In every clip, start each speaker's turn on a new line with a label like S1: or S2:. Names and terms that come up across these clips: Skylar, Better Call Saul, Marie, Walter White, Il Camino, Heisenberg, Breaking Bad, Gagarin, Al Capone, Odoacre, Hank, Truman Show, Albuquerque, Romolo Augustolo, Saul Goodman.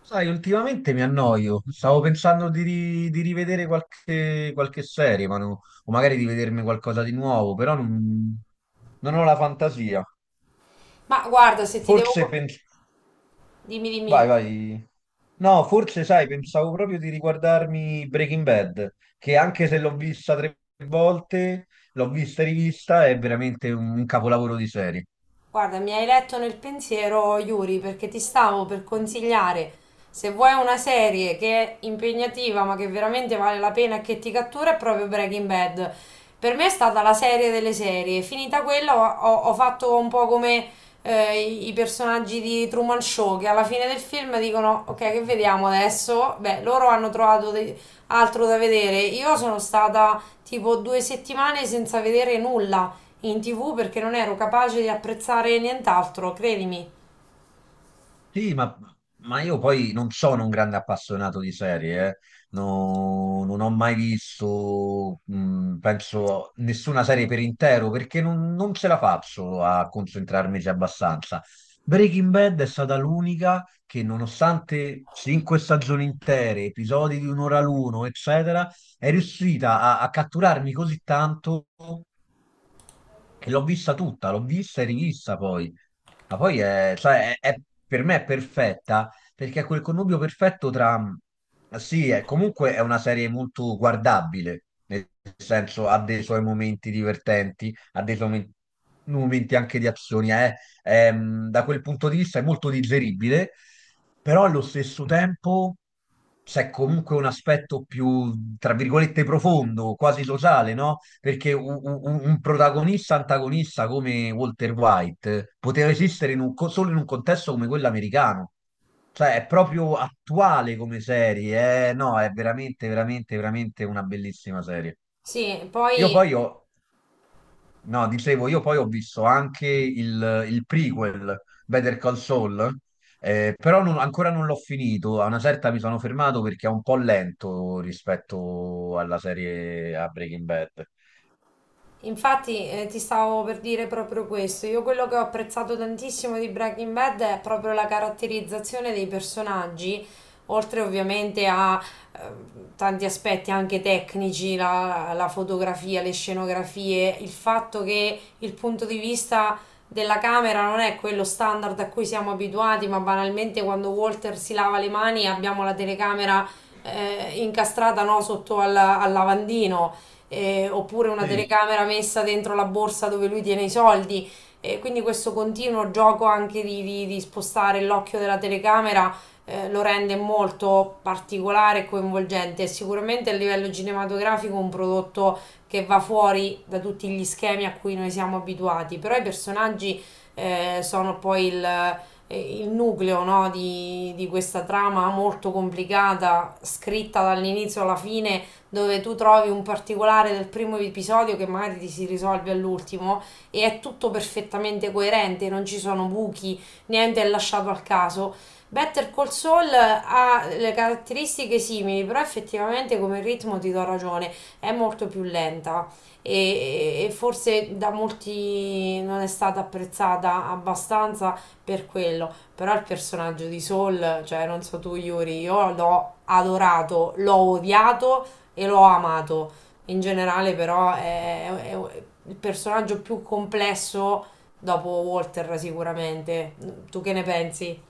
S1: Sai, ultimamente mi annoio. Stavo pensando di rivedere qualche serie, o magari di vedermi qualcosa di nuovo, però non ho la fantasia.
S2: Ma guarda, se ti
S1: Forse
S2: devo.
S1: penso...
S2: Dimmi, dimmi.
S1: Vai, vai. No, forse, sai, pensavo proprio di riguardarmi Breaking Bad, che anche se l'ho vista 3 volte, l'ho vista e rivista, è veramente un capolavoro di serie.
S2: Guarda, mi hai letto nel pensiero, Yuri, perché ti stavo per consigliare, se vuoi una serie che è impegnativa ma che veramente vale la pena e che ti cattura, è proprio Breaking Bad. Per me è stata la serie delle serie. Finita quella ho fatto un po' come i personaggi di Truman Show, che alla fine del film dicono, ok, che vediamo adesso? Beh, loro hanno trovato altro da vedere. Io sono stata tipo 2 settimane senza vedere nulla in TV perché non ero capace di apprezzare nient'altro, credimi.
S1: Sì, ma io poi non sono un grande appassionato di serie, eh. Non ho mai visto, penso, nessuna serie per intero perché non ce la faccio a concentrarmici abbastanza. Breaking Bad è stata l'unica che, nonostante 5 stagioni intere, episodi di un'ora l'uno, eccetera, è riuscita a catturarmi così tanto che l'ho vista tutta, l'ho vista e rivista poi. Ma poi sai, per me è perfetta perché è quel connubio perfetto tra... Sì, comunque è una serie molto guardabile, nel senso ha dei suoi momenti divertenti, ha dei suoi momenti anche di azioni, è da quel punto di vista è molto digeribile, però allo stesso tempo c'è comunque un aspetto più, tra virgolette, profondo, quasi sociale, no? Perché un protagonista antagonista come Walter White poteva esistere solo in un contesto come quello americano. Cioè, è proprio attuale come serie, eh? No, è veramente, veramente, veramente una bellissima serie.
S2: Sì,
S1: Io
S2: poi.
S1: poi ho No, dicevo, io poi ho visto anche il prequel, Better Call Saul, però ancora non l'ho finito. A una certa mi sono fermato perché è un po' lento rispetto alla serie a Breaking Bad.
S2: Infatti, ti stavo per dire proprio questo. Io quello che ho apprezzato tantissimo di Breaking Bad è proprio la caratterizzazione dei personaggi, oltre ovviamente a eh, tanti aspetti anche tecnici, la fotografia, le scenografie, il fatto che il punto di vista della camera non è quello standard a cui siamo abituati, ma banalmente quando Walter si lava le mani abbiamo la telecamera incastrata, no, sotto al lavandino, oppure una
S1: Sì.
S2: telecamera messa dentro la borsa dove lui tiene i soldi. E quindi questo continuo gioco anche di spostare l'occhio della telecamera lo rende molto particolare e coinvolgente. È sicuramente a livello cinematografico un prodotto che va fuori da tutti gli schemi a cui noi siamo abituati, però i personaggi sono poi il nucleo, no, di questa trama molto complicata, scritta dall'inizio alla fine dove tu trovi un particolare del primo episodio che magari ti si risolve all'ultimo e è tutto perfettamente coerente, non ci sono buchi, niente è lasciato al caso. Better Call Saul ha le caratteristiche simili, però effettivamente come ritmo ti do ragione, è molto più lenta e forse da molti non è stata apprezzata abbastanza per quello, però il personaggio di Saul, cioè non so tu Yuri, io l'ho adorato, l'ho odiato e l'ho amato. In generale, però, è il personaggio più complesso dopo Walter, sicuramente. Tu che ne pensi?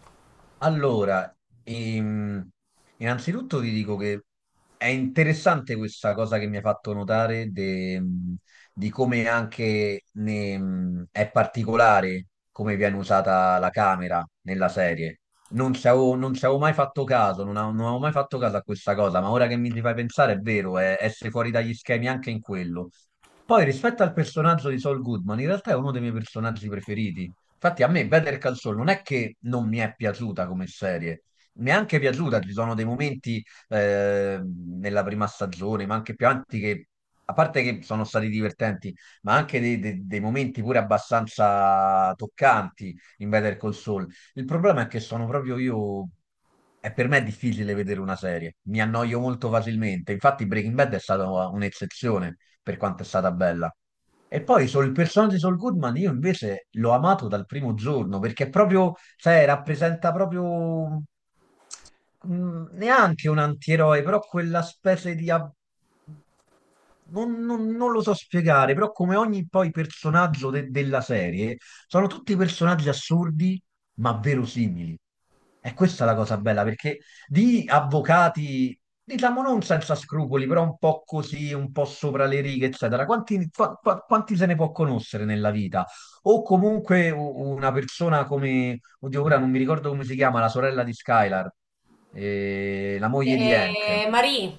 S1: Allora, ehm, innanzitutto ti dico che è interessante questa cosa che mi hai fatto notare di come anche è particolare come viene usata la camera nella serie. Non ci avevo mai fatto caso, non avevo mai fatto caso a questa cosa, ma ora che mi ci fai pensare è vero, è essere fuori dagli schemi anche in quello. Poi rispetto al personaggio di Saul Goodman, in realtà è uno dei miei personaggi preferiti. Infatti a me Better Call Saul non è che non mi è piaciuta come serie, mi è anche piaciuta, ci sono dei momenti nella prima stagione, ma anche più avanti che, a parte che sono stati divertenti, ma anche dei momenti pure abbastanza toccanti in Better Call Saul. Il problema è che sono proprio io, è per me è difficile vedere una serie, mi annoio molto facilmente, infatti Breaking Bad è stata un'eccezione per quanto è stata bella. E poi sul il personaggio di Saul Goodman io invece l'ho amato dal primo giorno perché è proprio, sai, rappresenta proprio neanche un antieroe, però quella specie di... ab- non lo so spiegare, però come ogni poi personaggio della serie, sono tutti personaggi assurdi ma verosimili. E questa è la cosa bella, perché di avvocati diciamo non senza scrupoli, però un po' così, un po' sopra le righe, eccetera. Quanti se ne può conoscere nella vita? O comunque una persona come, oddio, ora non mi ricordo come si chiama, la sorella di Skylar, la moglie di Hank.
S2: Marie,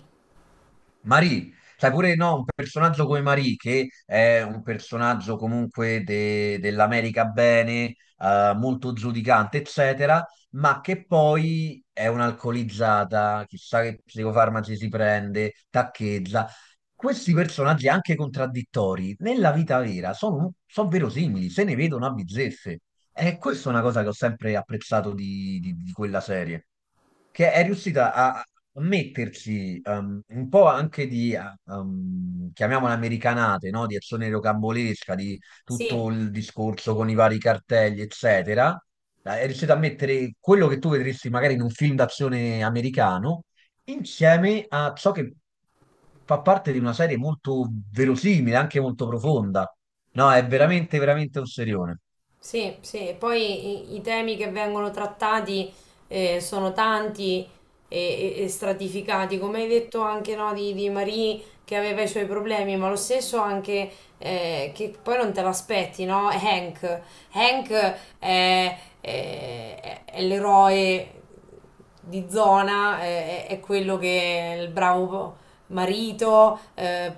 S1: Marie, sai pure no, un personaggio come Marie, che è un personaggio comunque dell'America bene, molto giudicante, eccetera, ma che poi è un'alcolizzata, chissà che psicofarmaci si prende, taccheggia. Questi personaggi anche contraddittori, nella vita vera, sono, sono verosimili, se ne vedono a bizzeffe. E questa è una cosa che ho sempre apprezzato di, di quella serie, che è riuscita a metterci un po' anche di, chiamiamola americanate, no? Di azione rocambolesca, di
S2: sì.
S1: tutto il discorso con i vari cartelli, eccetera. È riuscita a mettere quello che tu vedresti magari in un film d'azione americano insieme a ciò che fa parte di una serie molto verosimile, anche molto profonda. No, è veramente, veramente un serione.
S2: Sì, sì, e poi i temi che vengono trattati sono tanti e stratificati, come hai detto anche, no, di Marie che aveva i suoi problemi, ma lo stesso anche che poi non te l'aspetti, no? Hank è l'eroe di zona, è quello che è il bravo marito,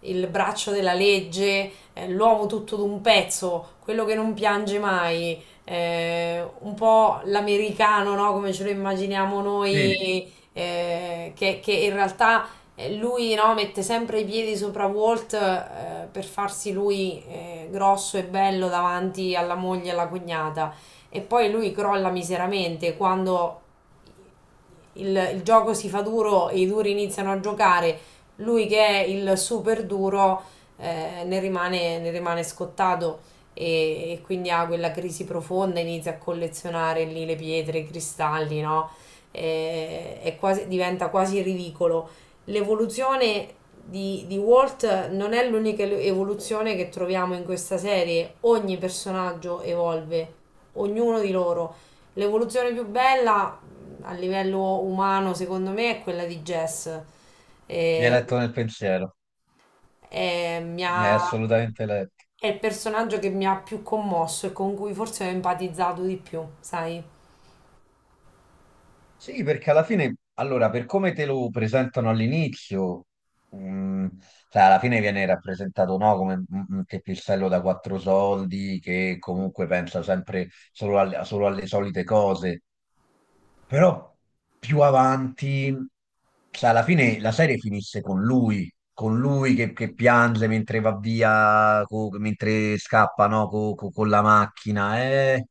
S2: il braccio della legge, l'uomo tutto d'un pezzo, quello che non piange mai, un po' l'americano, no? Come ce lo immaginiamo
S1: Sì.
S2: noi, che in realtà lui, no, mette sempre i piedi sopra Walt, per farsi lui, grosso e bello davanti alla moglie e alla cognata. E poi lui crolla miseramente quando il gioco si fa duro e i duri iniziano a giocare, lui che è il super duro ne rimane scottato, e quindi ha quella crisi profonda, inizia a collezionare lì le pietre, i cristalli, no? E, è quasi, diventa quasi ridicolo. L'evoluzione di Walt non è l'unica evoluzione che troviamo in questa serie, ogni personaggio evolve, ognuno di loro. L'evoluzione più bella a livello umano, secondo me, è quella di Jess.
S1: Mi hai
S2: E,
S1: letto nel pensiero,
S2: e mi
S1: mi hai
S2: ha-
S1: assolutamente letto.
S2: è il personaggio che mi ha più commosso e con cui forse ho empatizzato di più, sai?
S1: Sì, perché alla fine, allora, per come te lo presentano all'inizio, mh, cioè, alla fine viene rappresentato no, come un teppistello da quattro soldi che comunque pensa sempre solo alle solite cose, però più avanti, cioè, alla fine la serie finisse con lui che piange mentre va via, mentre scappa no, con la macchina, eh.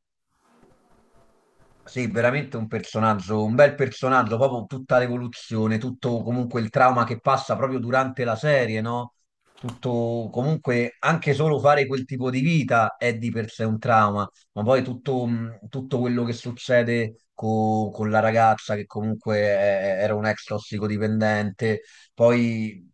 S1: Sì, veramente un personaggio, un bel personaggio, proprio tutta l'evoluzione, tutto comunque il trauma che passa proprio durante la serie, no? Tutto comunque anche solo fare quel tipo di vita è di per sé un trauma, ma poi tutto, tutto quello che succede con la ragazza che comunque era un ex tossicodipendente, poi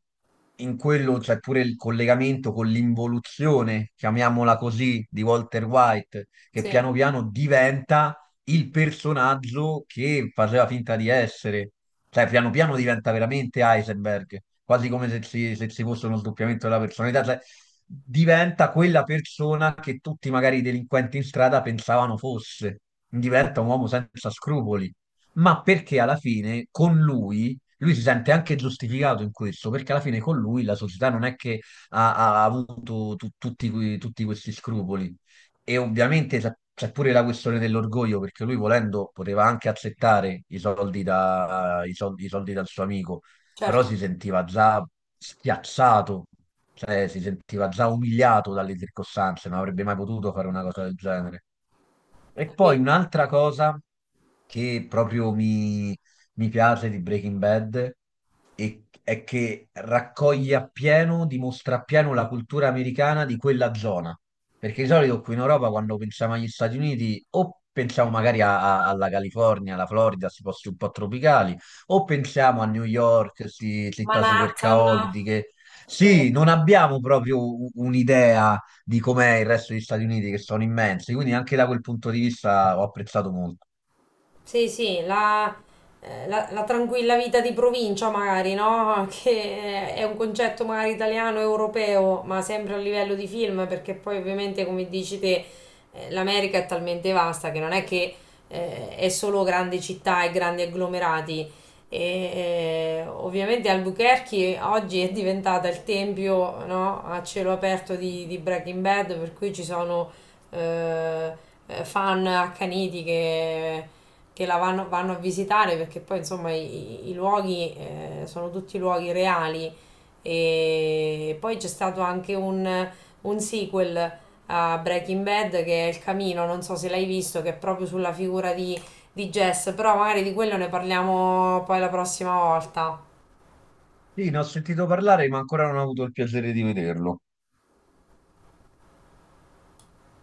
S1: in quello c'è pure il collegamento con l'involuzione, chiamiamola così, di Walter White, che
S2: Sì,
S1: piano piano diventa il personaggio che faceva finta di essere. Cioè, piano piano diventa veramente Heisenberg, quasi come se ci fosse uno sdoppiamento della personalità. Cioè, diventa quella persona che tutti magari i delinquenti in strada pensavano fosse. Diventa un uomo senza scrupoli. Ma perché alla fine con lui, lui si sente anche giustificato in questo, perché alla fine con lui la società non è che ha avuto tutti questi scrupoli. E ovviamente c'è pure la questione dell'orgoglio, perché lui volendo poteva anche accettare i soldi, da- i soldi dal suo amico, però si
S2: certo,
S1: sentiva già schiacciato, cioè si sentiva già umiliato dalle circostanze, non avrebbe mai potuto fare una cosa del genere.
S2: è
S1: E poi
S2: vero.
S1: un'altra cosa che proprio mi, mi piace di Breaking Bad è che raccoglie appieno, dimostra appieno la cultura americana di quella zona. Perché di solito qui in Europa, quando pensiamo agli Stati Uniti, o pensiamo magari alla California, alla Florida, questi posti un po' tropicali, o pensiamo a New York, queste città super
S2: Manhattan.
S1: caotiche.
S2: Sì.
S1: Sì, non abbiamo proprio un'idea di com'è il resto degli Stati Uniti, che sono immensi, quindi anche da quel punto di vista ho apprezzato molto.
S2: Sì, sì, la tranquilla vita di provincia magari, no? Che è un concetto magari italiano, europeo, ma sempre a livello di film, perché poi ovviamente, come dici te, l'America è talmente vasta che non è che è solo grandi città e grandi agglomerati. E, ovviamente Albuquerque oggi è diventata il tempio, no? A cielo aperto di Breaking Bad, per cui ci sono eh, fan accaniti che la vanno a visitare perché poi insomma i luoghi sono tutti luoghi reali e poi c'è stato anche un sequel a Breaking Bad che è Il Camino, non so se l'hai visto, che è proprio sulla figura di Jess, però magari di quello ne parliamo poi la prossima volta.
S1: Sì, ne ho sentito parlare, ma ancora non ho avuto il piacere di vederlo.